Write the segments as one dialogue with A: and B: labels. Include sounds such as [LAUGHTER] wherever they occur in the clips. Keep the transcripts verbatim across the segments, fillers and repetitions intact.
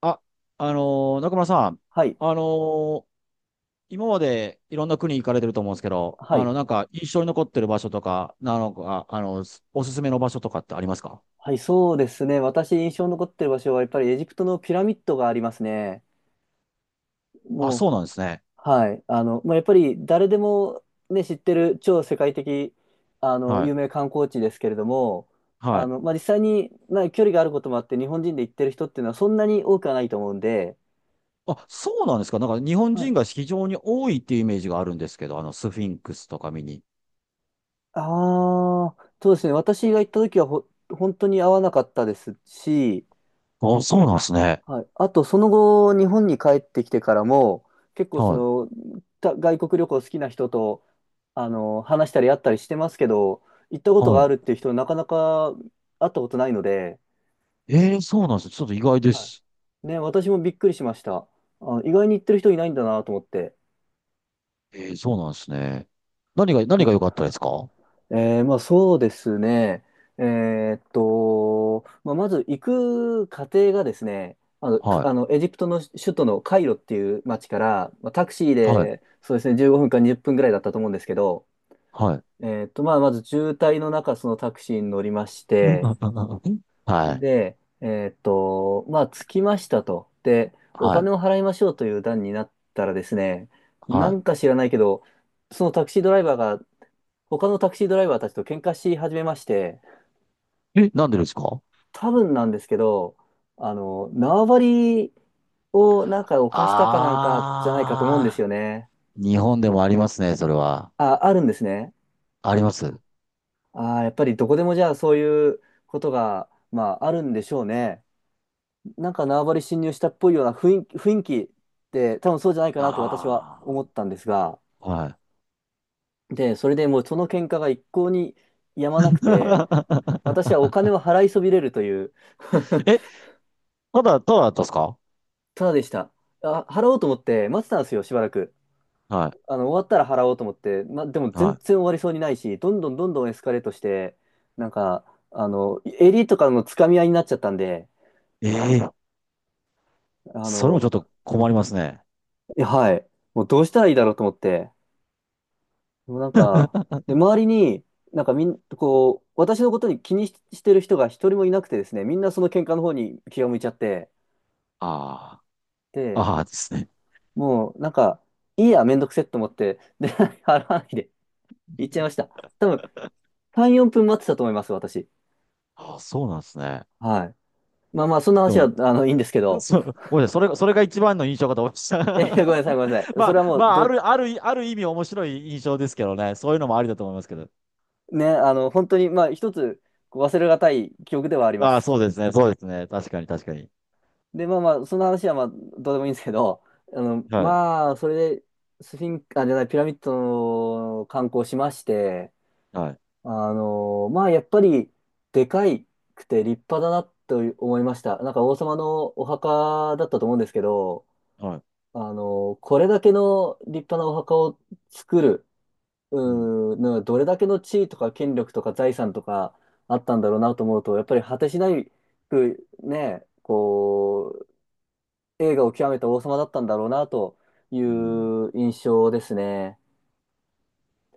A: あ、あのー中村さん、
B: はい。
A: あのー今までいろんな国行かれてると思うんですけど、
B: は
A: あ
B: い。
A: の、なんか印象に残ってる場所とか、なのか、あの、すおすすめの場所とかってありますか？
B: はい、そうですね。私印象に残ってる場所は、やっぱりエジプトのピラミッドがありますね。
A: あ、
B: も
A: そうなんですね。
B: う、はい。あの、まあ、やっぱり誰でもね、知ってる超世界的、あの、
A: は
B: 有
A: い。
B: 名観光地ですけれども、
A: は
B: あ
A: い。
B: の、まあ、実際に、まあ、距離があることもあって、日本人で行ってる人っていうのはそんなに多くはないと思うんで、
A: あ、そうなんですか？なんか日本
B: は
A: 人
B: い。
A: が非常に多いっていうイメージがあるんですけど、あの、スフィンクスとか見に。
B: ああ、そうですね。私が行った時はほ、本当に合わなかったですし、
A: あ、そうなんですね。
B: はい。あと、その後、日本に帰ってきてからも、結構そ
A: はい。
B: の、た外国旅行好きな人と、あの、話したり会ったりしてますけど、行ったこと
A: は
B: があるっ
A: い。
B: ていう人、なかなか会ったことないので、
A: えー、そうなんです。ちょっと意外で
B: は
A: す。
B: い。ね、私もびっくりしました。あ、意外に行ってる人いないんだなと思って。
A: えー、そうなんですね。何が、何が
B: ね
A: 良かったですか？は
B: えー、まあそうですね。えーっと、まあ、まず行く過程がですね、あの、か
A: い。
B: あのエジプトの首都のカイロっていう町から、まあ、タクシー
A: はい。
B: でそうですね、じゅうごふんかにじゅっぷんぐらいだったと思うんですけど、
A: はい。
B: えーっと、まあまず渋滞の中、そのタクシーに乗りまして、
A: [LAUGHS] はい。
B: で、えーっと、まあ着きましたと。で、お
A: はい。
B: 金を払いましょうという段になったらですね、な
A: は
B: んか知らないけど、そのタクシードライバーが、他のタクシードライバーたちと喧嘩し始めまして、
A: い。え、なんでですか？
B: 多分なんですけど、あの、縄張りをなんか犯したかなんかじゃないかと思うんです
A: あ
B: よね。
A: ー。日本でもありますね、それは。
B: あ、あるんですね。
A: あります。
B: あー、やっぱりどこでもじゃあそういうことが、まあ、あるんでしょうね。なんか縄張り侵入したっぽいような雰囲気、雰囲気って多分そうじゃないかなと私は
A: あ
B: 思ったんですが、
A: ー。はい。
B: で、それでもうその喧嘩が一向に止まなくて、
A: [LAUGHS]
B: 私はお金を払いそびれるという [LAUGHS]
A: え、ただ、ただだったんですか？
B: ただでした。あ、払おうと思って待ってたんですよ、しばらく。
A: は
B: あの、終わったら払おうと思って、ま、でも
A: い。
B: 全
A: は
B: 然終わりそうにないし、どんどんどんどんエスカレートして、なんか、あの、襟とかのつかみ合いになっちゃったんで、
A: い。ええ、
B: あ
A: それもちょ
B: の、
A: っと困りますね。
B: いやはい、もうどうしたらいいだろうと思って、もうなんか、で、周りに、なんかみん、こう、私のことに気にし、してる人が一人もいなくてですね、みんなその喧嘩の方に気が向いちゃって、
A: ああ、
B: で、
A: ああですね。
B: もうなんか、いいや、めんどくせえと思って、で、[LAUGHS] 払わないで、行っちゃいました。多分、さん、よんぷん待ってたと思います、私。
A: ああ、そうなんですね。
B: はい。まあまあ、そんな
A: で
B: 話は、
A: も、
B: あの、いいんですけど、
A: そ、ごめんなさい。それ、それが一番の印象かと思いまし
B: えー、[LAUGHS] ごめんなさ
A: た。
B: い、ごめんなさ
A: [LAUGHS]
B: い。
A: ま
B: それは
A: あ、
B: もう、
A: まあ、あ
B: ど、
A: る、ある、ある意味面白い印象ですけどね。そういうのもありだと思いますけど。
B: ね、あの、本当に、まあ、一つ、こう忘れがたい記憶ではありま
A: ああ、
B: す。
A: そうですね。そうですね。確かに、確かに。
B: で、まあまあ、そんな話は、まあ、どうでもいいんですけど、あの、
A: はい。
B: まあ、それで、スフィンク、あ、じゃない、ピラミッドの観光しまして、
A: はい。
B: あの、まあ、やっぱり、でかいくて立派だなと思いました。なんか、王様のお墓だったと思うんですけど、
A: はい。
B: あの、これだけの立派なお墓を作る、
A: うん。
B: うーん、なんかどれだけの地位とか権力とか財産とかあったんだろうなと思うと、やっぱり果てしないくね、こう、栄華を極めた王様だったんだろうなとい
A: うん。
B: う印象ですね。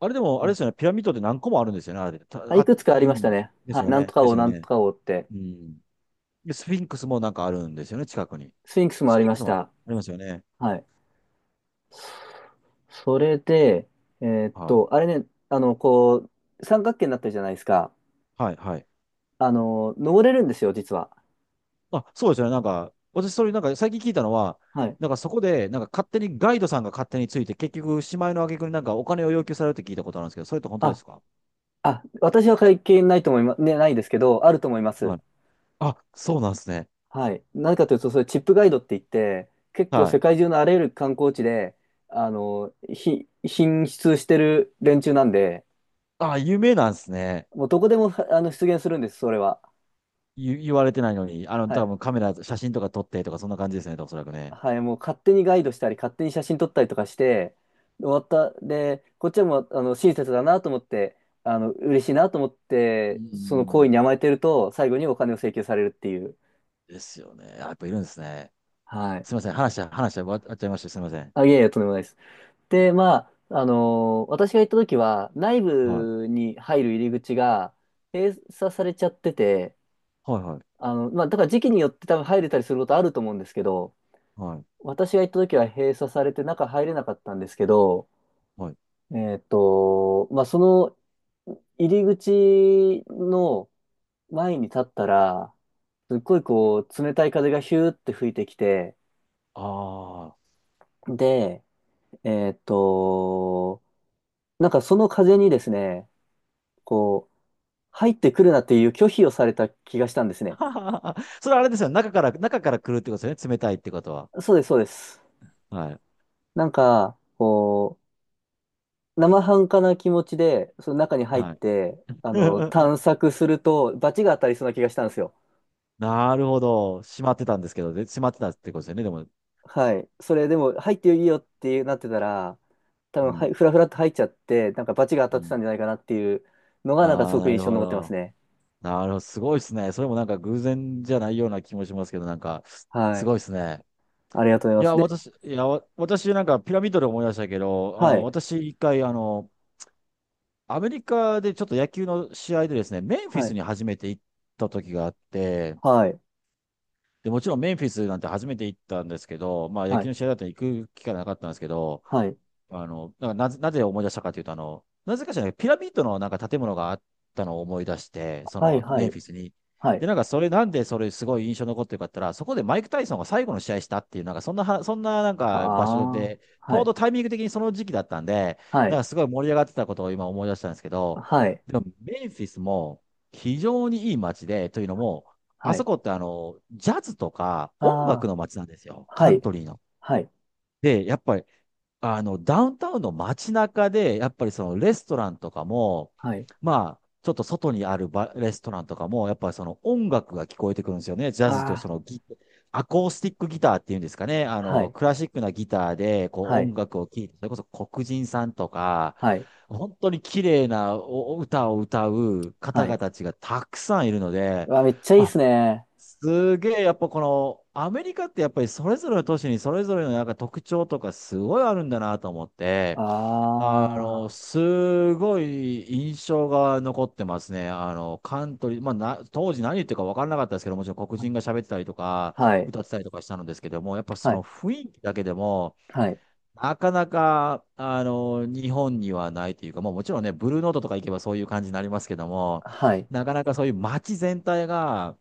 A: あれでも、あれで
B: ね
A: すよね。ピラミッドって何個もあるんですよね。あれ。た
B: あ、い
A: あ
B: くつかあり
A: る
B: まし
A: ん
B: た
A: です。
B: ね。
A: です
B: はい、
A: よ
B: なんと
A: ね。
B: か
A: です
B: 王、
A: よ
B: なんと
A: ね。
B: か王って。
A: うん。で、スフィンクスもなんかあるんですよね。近くに。
B: スフィンクスも
A: ス
B: あ
A: フ
B: り
A: ィン
B: ま
A: ク
B: し
A: スもあ
B: た。
A: りますよね。
B: はい。それで、えーっ
A: はい。
B: と、あれね、あの、こう、三角形になってるじゃないですか。
A: はい。はい。
B: あの、登れるんですよ、実は。
A: あ、そうですよね。なんか、私、それなんか最近聞いたのは、
B: はい。
A: なんかそこで、なんか勝手にガイドさんが勝手について、結局、しまいの挙句になんかお金を要求されるって聞いたことあるんですけど、それって本当で
B: あ、
A: すか？
B: あ、私は関係ないと思います、ね、ないですけど、あると思います。
A: はい。あ、そうなんですね。
B: はい。何かというと、それチップガイドって言って、結構
A: は
B: 世
A: い。
B: 界中のあらゆる観光地で、あの、ひ、品質してる連中なんで、
A: あ、有名なんですね。
B: もうどこでも、あの、出現するんです、それは。
A: 言言われてないのに、あの、
B: は
A: 多
B: い。
A: 分カメラ、写真とか撮ってとか、そんな感じですね、おそらくね。
B: はい。もう勝手にガイドしたり、勝手に写真撮ったりとかして、終わった。で、こっちはもう、あの、親切だなと思って、あの、嬉しいなと思っ
A: う
B: て、その行為
A: ん。
B: に甘えてると、最後にお金を請求されるっていう。
A: ですよね。あ、やっぱいるんですね。
B: はい。
A: すみません。話、話、終わっちゃいました。すみません。
B: あ、いえいえ、とんでもないです。で、まあ、あのー私が行った時は、内
A: はい。
B: 部に入る入り口が閉鎖されちゃってて、
A: はい、はい、
B: あの、まあ、だから時期によって多分入れたりすることあると思うんですけど、
A: はい、
B: 私が行った時は閉鎖されて中入れなかったんですけど、
A: はい。
B: えっと、まあ、その入り口の前に立ったら、すっごいこう、冷たい風がヒューって吹いてきて、
A: あ
B: で、えっと、なんかその風にですね、こう、入ってくるなっていう拒否をされた気がしたんです
A: あ。
B: ね。
A: [LAUGHS] それあれですよね。中から、中から来るってことですよね。冷たいってことは。
B: そうです、そうです。
A: はい、
B: なんか、こう、生半可な気持ちで、その中に入っ
A: はい。
B: て、あの、探
A: [LAUGHS]
B: 索すると、罰が当たりそうな気がしたんですよ。
A: なるほど。閉まってたんですけど、で、閉まってたってことですよね。でも、
B: はい。それでも、入っていいよっていうなってたら、多
A: う
B: 分、は
A: ん、
B: い、ふらふらっと入っちゃって、なんか罰が
A: う
B: 当たって
A: ん。
B: たんじゃないかなっていうのが、なんかす
A: ああ、
B: ごく
A: な
B: 印
A: る
B: 象に
A: ほ
B: 残ってます
A: ど。
B: ね。
A: なるほど、すごいですね。それもなんか偶然じゃないような気もしますけど、なんか、
B: は
A: すご
B: い。
A: いですね。
B: ありがとうござ
A: い
B: いま
A: や、
B: す。で、
A: 私、いや、わ私なんかピラミッドで思い出したけど、あ
B: は
A: の、
B: い。
A: 私一回、あの、アメリカでちょっと野球の試合でですね、メンフィ
B: は
A: ス
B: い。
A: に初めて行った時があって、
B: はい。
A: で、もちろんメンフィスなんて初めて行ったんですけど、まあ野
B: は
A: 球
B: い。
A: の試合だったら行く機会なかったんですけど、
B: はい。
A: あの、なんかなぜ、なぜ思い出したかというと、あの、なぜかしらピラミッドのなんか建物があったのを思い出して、そ
B: はい。
A: の
B: は
A: メン
B: い。
A: フィスに。
B: は
A: で、
B: い。
A: なんかそれなんでそれすごい印象に残ってるかって言ったら、そこでマイク・タイソンが最後の試合したっていう、なんかそんなは、そんななん
B: あ
A: か場所
B: あ。
A: で、ち
B: は
A: ょう
B: い。
A: どタイミング的にその時期だったんで、
B: は
A: なん
B: い。
A: かすごい盛り上がってたことを今思い出したんですけど、
B: はい。
A: でもメンフィスも非常にいい街で、というのも、あ
B: は
A: そ
B: い。
A: こってあの、ジャズとか
B: あ
A: 音
B: あ、
A: 楽の街なんですよ。
B: は
A: カント
B: い、
A: リーの。
B: はい、
A: で、やっぱりあの、ダウンタウンの街中で、やっぱりそのレストランとかも、
B: はい。
A: まあ、ちょっと外にあるバレストランとかも、やっぱりその音楽が聞こえてくるんですよね。ジャズと
B: あ
A: そのギ、アコースティックギターっていうんですかね。あ
B: あ、は
A: の、
B: い、
A: クラシックなギターで、こう
B: は
A: 音
B: い、
A: 楽を聴いて、それこそ黒人さんとか、
B: はい、
A: 本当に綺麗なおお歌を歌う方
B: は
A: 々
B: い。
A: たちがたくさんいるので、
B: うわ、めっちゃいいっ
A: あ、
B: すね。
A: すげえ、やっぱこの、アメリカってやっぱりそれぞれの都市にそれぞれのなんか特徴とかすごいあるんだなと思って、
B: あ
A: あの、すごい印象が残ってますね。あの、カントリー、まあな、当時何言ってるか分からなかったですけど、もちろん黒
B: あ、
A: 人が喋ってたりとか、
B: はい、
A: 歌ってたりとかしたのですけども、やっぱそ
B: は
A: の
B: い、
A: 雰囲気だけでも、
B: はい、
A: なかなか、あの、日本にはないというか、もうもちろんね、ブルーノートとか行けばそういう感じになりますけども、
B: はい、
A: なかなかそういう街全体が、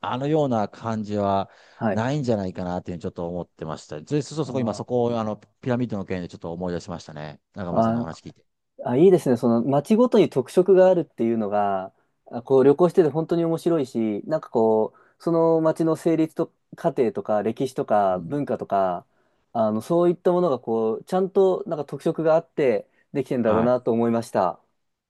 A: あのような感じは
B: はい。
A: ないんじゃないかなっていうふうにちょっと思ってました。で、そうそう、
B: あ
A: そこ今そ
B: ー
A: こをあのピラミッドの件でちょっと思い出しましたね。中村さんの
B: あ
A: お
B: ー、
A: 話聞いて。
B: あ、いいですね。その街ごとに特色があるっていうのが、あこう旅行してて本当に面白いし、なんかこう、その街の成立と過程とか歴史と
A: う
B: か
A: ん。
B: 文化とか、あの、そういったものがこう、ちゃんとなんか特色があってできてんだろう
A: はい。
B: なと思いました。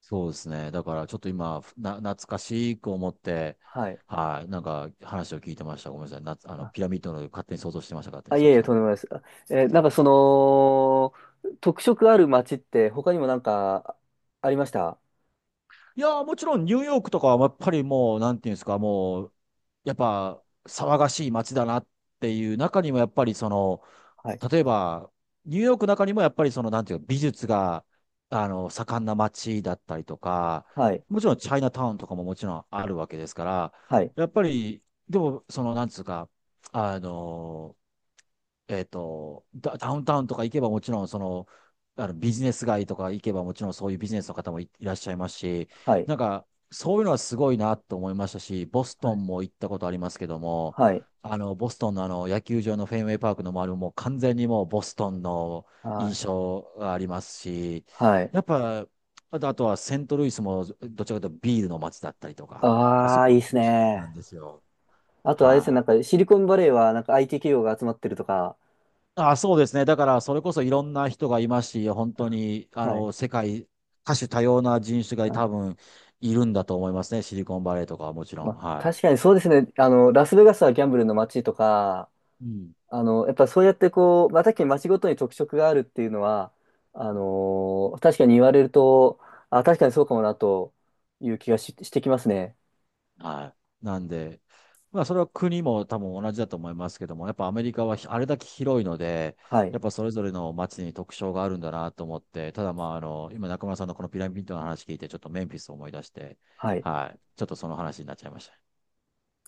A: そうですね。だからちょっと今、な、懐かしく思って、
B: はい。
A: はい。なんか話を聞いてました。ごめんなさい。な、あの、
B: あ、
A: ピラミッドの勝手に想像してました。勝手
B: あ
A: に
B: い
A: そ
B: え
A: っ
B: い
A: ち
B: え、
A: の
B: とん
A: 方
B: でも
A: 向。
B: ないです。あえーなんかその、特色ある街って他にもなんかありました？
A: いやー、もちろんニューヨークとかはやっぱりもう、なんていうんですか、もう、やっぱ騒がしい街だなっていう中にもやっぱりその、
B: はい。
A: 例えば、ニューヨークの中にもやっぱりその、なんていうか、美術が、あの、盛んな街だったりとか、
B: はい。
A: もちろんチャイナタウンとかももちろんあるわけですから、
B: はい。
A: やっぱり、でも、その、なんつうか、あの、えっと、ダ、ダウンタウンとか行けばもちろん、その、あのビジネス街とか行けばもちろんそういうビジネスの方もい、いらっしゃいますし、
B: はい。
A: なんか、そういうのはすごいなと思いましたし、ボス
B: は
A: ト
B: い。
A: ンも行ったことありますけども、
B: はい。
A: あの、ボストンのあの、野球場のフェンウェイパークの周りももう完全にもうボストンの
B: はい。
A: 印象がありますし、
B: はい。
A: やっぱ、あと、あとはセントルイスもどちらかというとビールの街だったりとか、あそ
B: ああ、
A: こ
B: い
A: は
B: いっす
A: ビール
B: ね。
A: なんですよ。
B: あとあれですね、な
A: は
B: ん
A: い。
B: かシリコンバレーはなんか アイティー 企業が集まってるとか。
A: あ、そうですね。だから、それこそいろんな人がいますし、本当
B: あ
A: に、あ
B: はい。
A: の、世界、多種多様な人種が多
B: あ、
A: 分いるんだと思いますね。シリコンバレーとかはもちろ
B: ま
A: ん。
B: あ、
A: は
B: 確かにそうですね。あの、ラスベガスはギャンブルの街とか、
A: い。うん。
B: あの、やっぱそうやってこう、まあ、確かに町ごとに特色があるっていうのは、あのー確かに言われると、あ、確かにそうかもなという気がし、してきますね。
A: はい。なんで、まあ、それは国も多分同じだと思いますけども、やっぱアメリカはひあれだけ広いので、
B: はい。
A: やっぱそれぞれの街に特徴があるんだなと思って、ただまあ、あの、今中村さんのこのピラミッドの話聞いて、ちょっとメンフィスを思い出して、
B: はい。
A: はい。ちょっとその話になっちゃいました。